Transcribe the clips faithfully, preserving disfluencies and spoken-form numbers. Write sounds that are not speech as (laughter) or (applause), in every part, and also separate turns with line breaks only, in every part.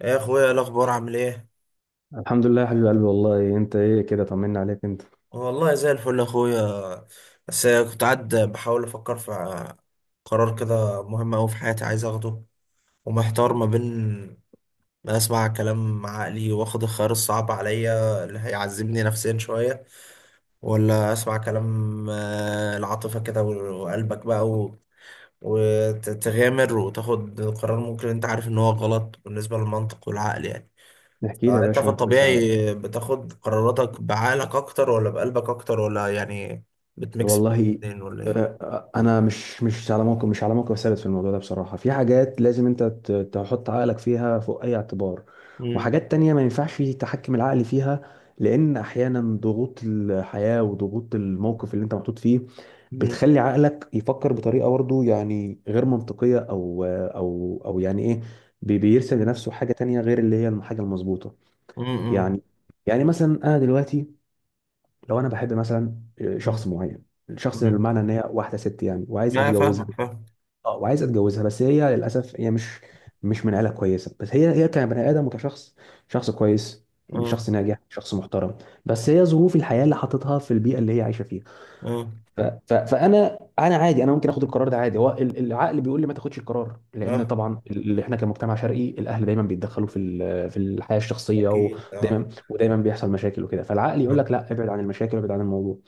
يا اخويا، إيه الاخبار؟ عامل ايه؟
الحمد لله يا حبيب قلبي، والله انت ايه كده، طمنا عليك انت.
والله زي الفل يا اخويا. بس كنت قاعد بحاول افكر في قرار كده مهم اوي في حياتي عايز اخده، ومحتار ما بين ما اسمع كلام عقلي واخد الخيار الصعب عليا اللي هيعذبني نفسيا شويه، ولا اسمع كلام آه، العاطفه كده و- وقلبك بقى و... وتغامر وتاخد قرار ممكن انت عارف ان هو غلط بالنسبه للمنطق والعقل يعني.
احكي لي يا
آه، انت
باشا،
في
ممكن اساعدك؟
الطبيعي بتاخد قراراتك بعقلك اكتر ولا بقلبك اكتر، ولا يعني بتميكس
والله.
الاتنين، ولا
آه،
ايه؟
آه، انا مش مش على موقف مش على موقف ثابت في الموضوع ده، بصراحه في حاجات لازم انت ت- تحط عقلك فيها فوق اي اعتبار،
مم.
وحاجات تانية ما ينفعش تحكم العقل فيها، لان احيانا ضغوط الحياه وضغوط الموقف اللي انت محطوط فيه
مم.
بتخلي عقلك يفكر بطريقه برضه يعني غير منطقيه، او او او يعني ايه، بي- بيرسم
مم.
لنفسه حاجه تانية غير اللي هي الحاجه المظبوطه.
مم.
يعني يعني مثلا انا دلوقتي لو انا بحب مثلا آه، شخص
مم.
معين، الشخص ده
مم.
بمعنى ان هي واحده ست يعني، وعايز
لا،
اتجوزها.
فاهمك فاهم.
اه، وعايز اتجوزها، بس هي للاسف هي مش مش من عيله كويسه، بس هي هي كبني ادم وكشخص، شخص كويس،
اه،
شخص ناجح، شخص محترم. بس هي ظروف الحياه اللي حاططها في البيئه اللي هي عايشه فيها.
اه،
ف... ف... فانا انا عادي، انا ممكن اخد القرار ده عادي. هو ال- العقل بيقول لي ما تاخدش القرار، لان
اه،
طبعا اللي احنا كمجتمع شرقي الاهل دايما بيتدخلوا في ال- في الحياه الشخصيه،
اكيد. اه،
ودايما ودايما بيحصل مشاكل وكده، فالعقل يقول
اه.
لك لا، ابعد عن المشاكل وابعد عن الموضوع.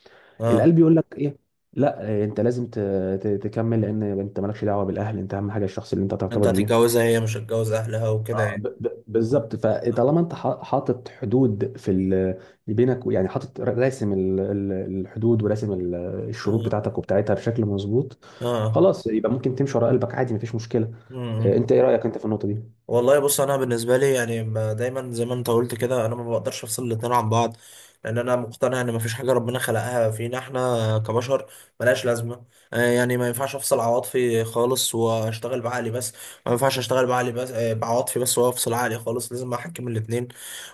آه.
القلب يقول لك ايه؟ لا، إيه، انت لازم ت... ت... تكمل، لان انت مالكش دعوه بالاهل، انت اهم حاجه الشخص اللي انت
انت
ترتبط بيه.
هتتجوزها، هي مش هتجوز اهلها وكده
آه،
يعني.
ب- ب- بالظبط. فطالما
اه،
انت حا- حاطط حدود في ال... بينك، يعني حاطط ر- راسم ال- ال- الحدود، وراسم ال- الشروط
اه.
بتاعتك وبتاعتها بشكل مظبوط،
آه.
خلاص يبقى ممكن تمشي ورا قلبك عادي، مفيش مشكله. آه،
مم.
انت ايه رايك انت في النقطه دي؟
والله بص، انا بالنسبه لي يعني ما- دايما زي ما انت قلت كده، انا ما بقدرش افصل الاتنين عن بعض. لان انا مقتنع ان مفيش حاجه ربنا خلقها فينا احنا كبشر ملهاش لازمه. آه، يعني ما ينفعش افصل عواطفي خالص واشتغل بعقلي بس، ما ينفعش اشتغل بعقلي بس آه، بعواطفي بس وافصل عقلي خالص، لازم احكم الاتنين.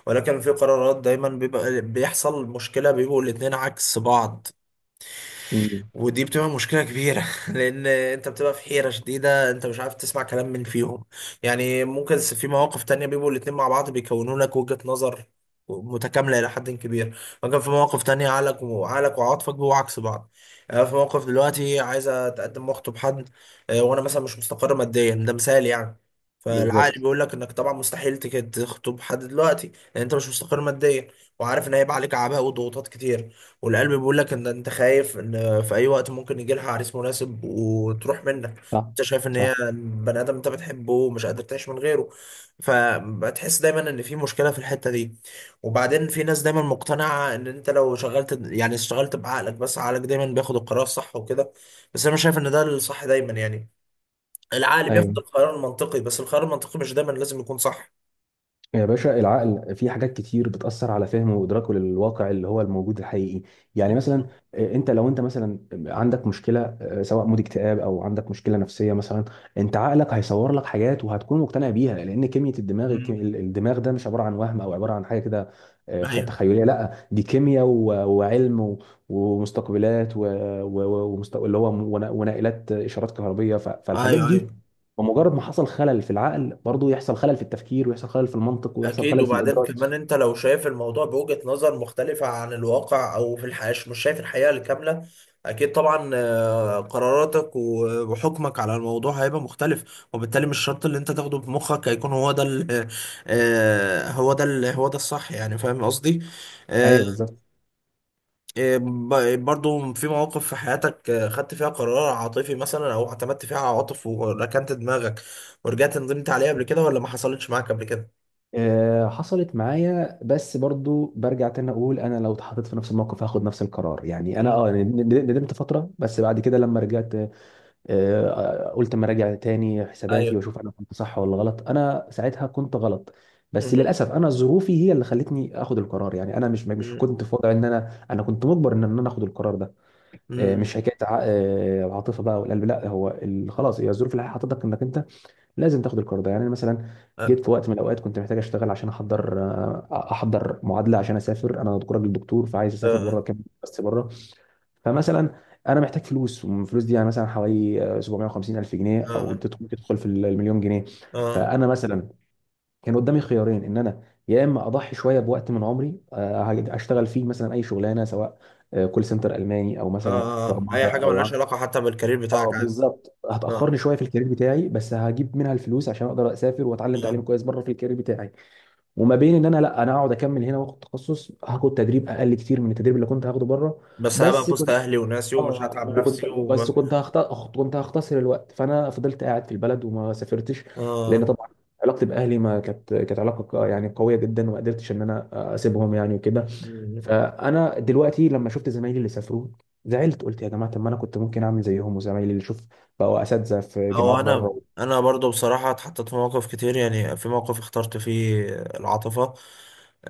ولكن في قرارات دايما بيبقى بيحصل مشكله، بيبقوا الاتنين عكس بعض.
مم.
ودي بتبقى مشكلة كبيرة (laughs) لأن أنت بتبقى في حيرة شديدة، أنت مش عارف تسمع كلام من فيهم. يعني ممكن س- في مواقف تانية بيبقوا الاتنين مع بعض بيكونوا لك وجهة نظر متكاملة إلى حد كبير. ممكن في مواقف تانية عقلك وعقلك وعاطفك بيبقوا عكس بعض. أنا في موقف دلوقتي عايز أتقدم وأخطب حد، آه، وأنا مثلا مش مستقر ماديا، ده مثال يعني. فالعقل
بالظبط.
بيقول لك انك طبعا مستحيل تك- تخطب حد دلوقتي، لان انت مش مستقر ماديا، وعارف ان هيبقى عليك اعباء وضغوطات كتير. والقلب بيقول لك ان انت خايف ان في اي وقت ممكن يجي لها عريس مناسب وتروح منك،
صح،
انت شايف ان
صح.
هي بني ادم انت بتحبه ومش قادر تعيش من غيره، فبتحس دايما ان في مشكله في الحته دي. وبعدين في ناس دايما مقتنعه ان انت لو شغلت يعني اشتغلت بعقلك بس، عقلك دايما بياخد القرار الصح وكده، بس انا مش شايف ان ده الصح دايما يعني. العقل بياخد
ايوه،
القرار المنطقي، بس القرار المنطقي مش دايما لازم يكون صح.
يا باشا العقل في حاجات كتير بتأثر على فهمه وإدراكه للواقع اللي هو الموجود الحقيقي. يعني مثلا
(laughs)
آه، انت لو انت مثلا عندك مشكلة، آه، سواء مود اكتئاب او عندك مشكلة نفسية مثلا، انت عقلك هيصور لك حاجات وهتكون مقتنع بيها، لأن كمية الدماغ الك- الدماغ ده مش عبارة عن وهم او عبارة عن حاجة كده آه، خ-
ايوه،
تخيلية، لا دي كيمياء و- وعلم و- ومستقبلات، و- و- ومست- اللي هو ون- ونائلات إشارات كهربية، ف- فالحاجات
ايوه،
دي
ايوه،
بمجرد ما حصل خلل في العقل برضه يحصل خلل في التفكير، ويحصل خلل في المنطق، ويحصل
اكيد.
خلل في
وبعدين
الإدراك.
كمان انت لو شايف الموضوع بوجهة نظر مختلفة عن الواقع او في الحياة، مش شايف الحقيقة الكاملة، اكيد طبعا آه، قراراتك و- وحكمك على الموضوع هيبقى مختلف، وبالتالي مش شرط اللي انت تاخده بمخك هيكون هو ده ال- آه، هو ده ال- هو ده الصح، يعني فاهم قصدي. آه،
ايوه، بالظبط.
آه، ب- برضو في مواقف في حياتك آه، خدت فيها قرار عاطفي مثلا او اعتمدت فيها على عواطف وركنت دماغك ورجعت ندمت عليها قبل كده، ولا ما حصلتش معاك قبل كده؟
آه، حصلت معايا، بس برضو برجع تاني اقول انا لو اتحطيت في نفس الموقف هاخد نفس القرار. يعني انا
مم.
اه ند- ند- ندمت فتره، بس بعد كده لما رجعت آه، آه، قلت اما اراجع تاني حساباتي
ايوه.
واشوف انا كنت صح ولا غلط. انا ساعتها كنت غلط، بس
مم.
للاسف انا ظروفي هي اللي خلتني اخد القرار. يعني انا مش مش
مم.
كنت في وضع، ان انا انا كنت مجبر ان انا اخد القرار ده. آه، مش
مم.
حكايه ع- آه، العاطفه بقى والقلب لا، هو ال- خلاص هي الظروف الحياه حطتك انك انت لازم تاخد القرار ده. يعني انا مثلا جيت
آه.
في وقت من الاوقات كنت محتاج اشتغل عشان احضر آه، احضر معادله عشان اسافر، انا دكتور- راجل دكتور، فعايز اسافر بره،
آه.
كام بس بره. فمثلا انا محتاج فلوس، والفلوس دي يعني مثلا حوالي آه، سبعمائة وخمسين الف جنيه، او
آه.
تدخل- ممكن تدخل في المليون جنيه.
آه.
فانا مثلا كان قدامي خيارين، ان انا يا اما اضحي شويه بوقت من عمري، آه، اشتغل فيه مثلا اي شغلانه، سواء آه، كول سنتر الماني او مثلا
آه. أي
برمجه،
حاجة
او
ملهاش علاقة حتى بالكارير
اه
بتاعك عادي.
بالظبط،
آه.
هتاخرني شويه في الكارير بتاعي، بس هجيب منها الفلوس عشان اقدر اسافر واتعلم تعليم
آه.
كويس بره في الكارير بتاعي، وما بين ان انا لا، انا اقعد اكمل هنا واخد تخصص، هاخد تدريب اقل كتير من التدريب اللي كنت هاخده بره.
بس هبقى
بس
في وسط
كنت
أهلي وناسي ومش
اه
هتعب
وكنت
نفسي
بس
وما.
كنت هخت... كنت هختصر الوقت، فانا فضلت قاعد في البلد وما سافرتش، لان
آه.
طبعا علاقتي باهلي ما كانت كانت علاقه ق- يعني قويه جدا، وما قدرتش ان انا اسيبهم يعني وكده.
مم.
فانا دلوقتي لما شفت زمايلي اللي سافروا زعلت، قلت يا جماعه طب ما انا كنت ممكن اعمل زيهم، وزمايلي اللي شوف بقوا اساتذه في جامعات
هو انا
بره.
انا برضو بصراحه اتحطيت في مواقف كتير، يعني في موقف اخترت فيه العاطفه،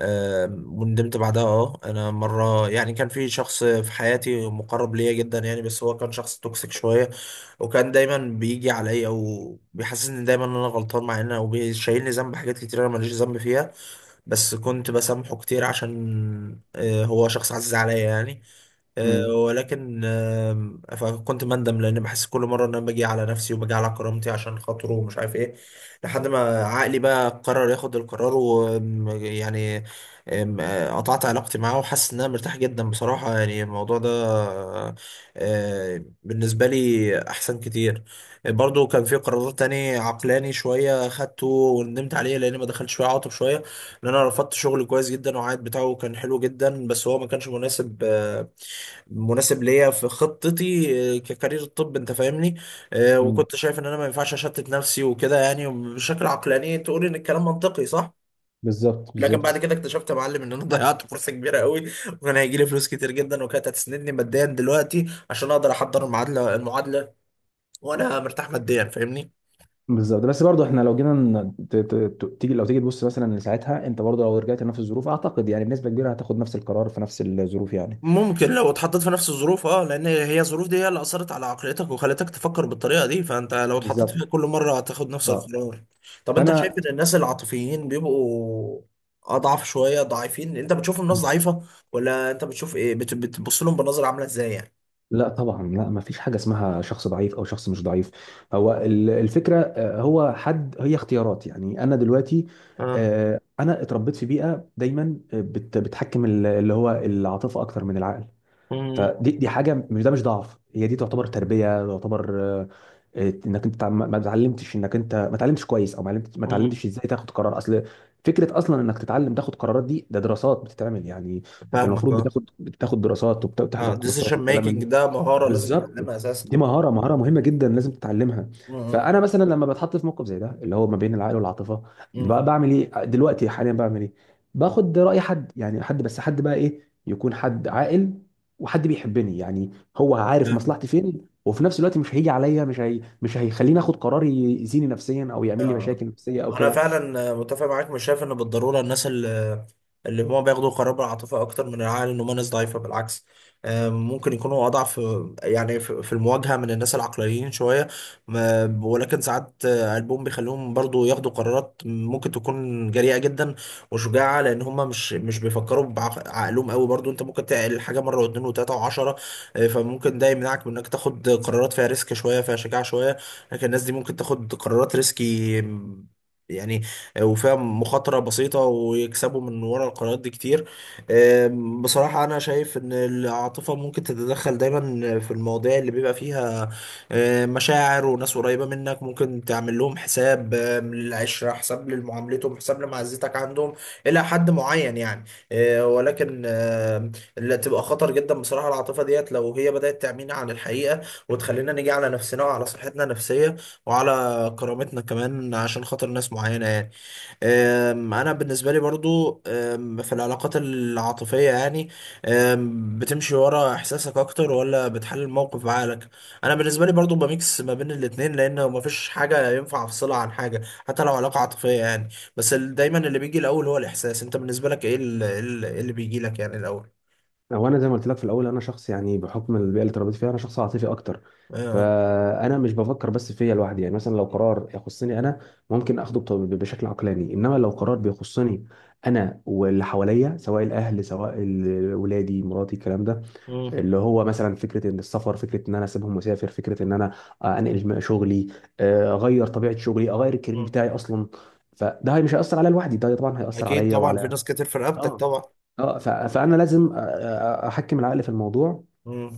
آم، وندمت بعدها. اه انا مره يعني كان في شخص في حياتي مقرب ليا جدا يعني، بس هو كان شخص توكسيك شويه، وكان دايما بيجي عليا وبيحسسني دايما ان انا غلطان مع ان او بيشيلني ذنب حاجات كتير انا ماليش ذنب فيها، بس كنت بسامحه كتير عشان آه، هو شخص عزيز عليا يعني. آه،
امم.
ولكن آم، فكنت مندم لان بحس كل مره ان انا باجي على نفسي وباجي على كرامتي عشان خاطره ومش عارف ايه، لحد ما عقلي بقى قرر ياخد القرار ويعني قطعت علاقتي معاه، وحاسس ان انا مرتاح جدا بصراحه يعني. الموضوع ده آه، بالنسبه لي احسن كتير. برضو كان في قرار تاني عقلاني شويه خدته وندمت عليه لان ما دخلتش فيه عاطف شويه، ان انا رفضت شغل كويس جدا، وعائد بتاعه كان حلو جدا، بس هو ما كانش مناسب آه، مناسب ليا في خطتي، آه، ككارير الطب انت فاهمني. آه،
امم.
وكنت شايف ان انا ما ينفعش اشتت نفسي وكده يعني، بشكل عقلاني تقول ان الكلام منطقي صح.
بالظبط،
لكن بعد
بالظبط،
كده اكتشفت يا معلم ان انا (laughs) ضيعت فرصه كبيره قوي، وكان هيجي لي فلوس كتير جدا، وكانت هتسندني ماديا دلوقتي عشان اقدر احضر المعادله المعادله، وانا مرتاح ماديا فاهمني.
بالظبط. بس برضه احنا لو جينا ن- ت- ت- ت- تيجي لو تيجي تبص مثلا لساعتها، انت برضه لو رجعت لنفس الظروف اعتقد يعني بنسبه كبيره هتاخد نفس القرار في نفس الظروف يعني.
ممكن لو اتحطيت في نفس الظروف، اه لان هي الظروف دي هي اللي اثرت على عقليتك وخلتك تفكر بالطريقه دي، فانت لو اتحطيت
بالظبط.
فيها كل مره هتاخد نفس
اه.
القرار. طب انت شايف
فانا
ان الناس العاطفيين بيبقوا اضعف شويه ضعيفين، انت بتشوفهم ناس ضعيفه، ولا انت بتشوف ايه؟ بت- بتبص لهم بنظره عامله ازاي يعني؟
لا طبعا، لا ما فيش حاجه اسمها شخص ضعيف او شخص مش ضعيف. هو ال- الفكره، آه، هو حد هي اختيارات. يعني انا دلوقتي
اه.
آه، انا اتربيت في بيئه دايما آه، بت- بتحكم ال- اللي هو العاطفه اكتر من العقل.
امم.
فدي دي حاجه، مش ده مش ضعف، هي دي تعتبر تربيه، تعتبر آه، آه، انك انت تع- ما ما اتعلمتش، انك انت ما اتعلمتش كويس، او ما علمت- ما
امم.
اتعلمتش ازاي تاخد قرار اصل. فكره اصلا انك تتعلم تاخد قرارات دي ده دراسات بتتعمل يعني، انت
فاهمك،
المفروض
اه.
بتاخد بتاخد دراسات
اه،
وبتحضر كورسات
ديسيشن
وكلام من
ميكنج
ده.
ده مهاره لازم
بالظبط،
تتعلمها اساسا.
دي مهارة مهارة مهمة جدا لازم تتعلمها.
امم.
فأنا مثلا لما بتحط في موقف زي ده اللي هو ما بين العقل والعاطفة، بقى بعمل إيه دلوقتي، حاليا بعمل إيه؟ باخد رأي حد، يعني حد، بس حد بقى إيه؟ يكون حد عاقل وحد بيحبني، يعني هو عارف
امم.
مصلحتي فين، وفي نفس الوقت مش هيجي عليا مش هي... مش هيخليني آخد قرار يأذيني نفسيا أو يعمل لي
آه.
مشاكل نفسية أو
انا
كده.
فعلا متفق معاك، مش شايف ان بالضروره الناس اللي اللي هم بياخدوا قرار بالعاطفه اكتر من العقل ان هم ناس ضعيفه، بالعكس. آه، ممكن يكونوا اضعف، آه، يعني في في المواجهه من الناس العقلانيين شويه. ما- ولكن ساعات آه، قلبهم بيخليهم برضو ياخدوا قرارات ممكن تكون جريئه جدا وشجاعه، لان هم مش مش بيفكروا بعقلهم قوي، برضو انت ممكن تعقل حاجه مره واثنين وثلاثه وعشره، آه، فممكن ده يمنعك من انك تاخد قرارات فيها ريسك شويه فيها شجاعه شويه. لكن الناس دي ممكن تاخد قرارات ريسكي م- يعني، وفيها مخاطرة بسيطة ويكسبوا من ورا القرارات دي كتير. أم، بصراحة أنا شايف إن العاطفة ممكن تتدخل دايما في المواضيع اللي بيبقى فيها أم، مشاعر وناس قريبة منك، ممكن تعمل لهم حساب، أم، للعشرة حساب، لمعاملتهم حساب، لمعزتك عندهم، إلى حد معين يعني. أه، ولكن أم، اللي تبقى خطر جدا بصراحة العاطفة ديت لو هي بدأت تعمينا عن الحقيقة، وتخلينا نيجي على نفسنا وعلى صحتنا النفسية وعلى كرامتنا كمان عشان خاطر ناس معينة يعني. أم، أنا بالنسبة لي برضو أم، في العلاقات العاطفية يعني، أم، بتمشي ورا إحساسك أكتر ولا بتحلل الموقف بعقلك؟ أنا بالنسبة لي برضو بميكس ما بين الاتنين، لأن مفيش حاجة ينفع أفصلها عن حاجة، حتى لو علاقة عاطفية يعني. بس ال- دايما اللي بيجي الأول هو الإحساس. أنت بالنسبة لك إيه ال- إيه ال- إيه اللي بيجي لك يعني الأول؟
هو انا زي ما قلت لك في الاول، انا شخص يعني بحكم البيئه اللي اتربيت فيها انا شخص عاطفي اكتر،
آه.
فانا مش بفكر بس فيا لوحدي. يعني مثلا لو قرار يخصني انا ممكن اخده بط- بشكل عقلاني، انما لو قرار بيخصني انا واللي حواليا، سواء الاهل سواء ال- ولادي مراتي الكلام ده،
مم.
اللي هو مثلا فكره ان السفر، فكره ان انا اسيبهم مسافر، فكره ان انا آه، انقل شغلي، آه، اغير طبيعه شغلي، اغير الكارير
مم.
بتاعي اصلا، فده مش هيأثر عليا لوحدي، ده طبعا هيأثر
أكيد
عليا
طبعا، في
وعلى.
ناس كتير في رقبتك
اه،
طبعا.
اه، ف- فانا لازم أ- أ- احكم العقل في الموضوع،
مم.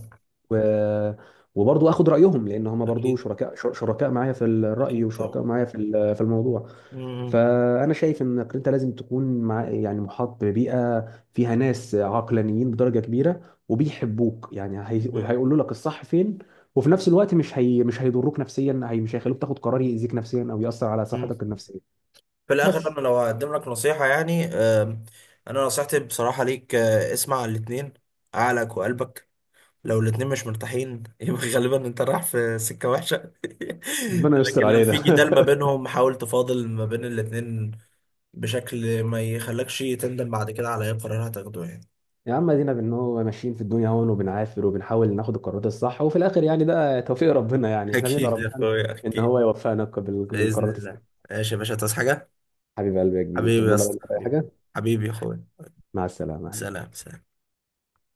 و وبرضه اخد رايهم، لان هم برضه
أكيد،
شركاء، شر- شركاء معايا في الراي
أكيد
وشركاء
طبعا.
معايا في ال- في الموضوع.
مم.
فانا شايف انك انت لازم تكون مع، يعني محاط ببيئه فيها ناس عقلانيين بدرجه كبيره وبيحبوك، يعني هي...
مم.
هيقولوا لك الصح فين، وفي نفس الوقت مش هي... مش هيضروك نفسيا، هي... مش هيخلوك تاخد قرار يأذيك نفسيا او يأثر على
مم.
صحتك النفسيه.
في الآخر
بس،
أنا لو هقدم لك نصيحة يعني، آم، أنا نصيحتي بصراحة ليك آه، اسمع الاتنين، عقلك وقلبك. لو الاتنين مش مرتاحين (laughs) يبقى غالبا أنت رايح في سكة وحشة. (laughs)
ربنا يستر
لكن لو في
علينا.
جدال ما
(laughs)
بينهم حاول تفاضل ما بين الاتنين بشكل ما يخلكش تندم بعد كده على أي قرار هتاخده يعني.
يا عم ادينا بان هو ماشيين في الدنيا هون، وبنعافر وبنحاول ناخد القرارات الصح، وفي الاخر يعني ده توفيق ربنا.
(laughs)
يعني احنا بندعي
أكيد يا
ربنا
أخويا
ان
أكيد.
هو يوفقنا بال-
بإذن
بالقرارات الصح.
الله. ماشي يا باشا، تصحى حاجة؟
حبيب قلبي يا كبير.
حبيبي
طب
يا اسطى،
اي
حبيبي.
حاجه.
حبيبي يا أخويا.
مع السلامه.
سلام، سلام.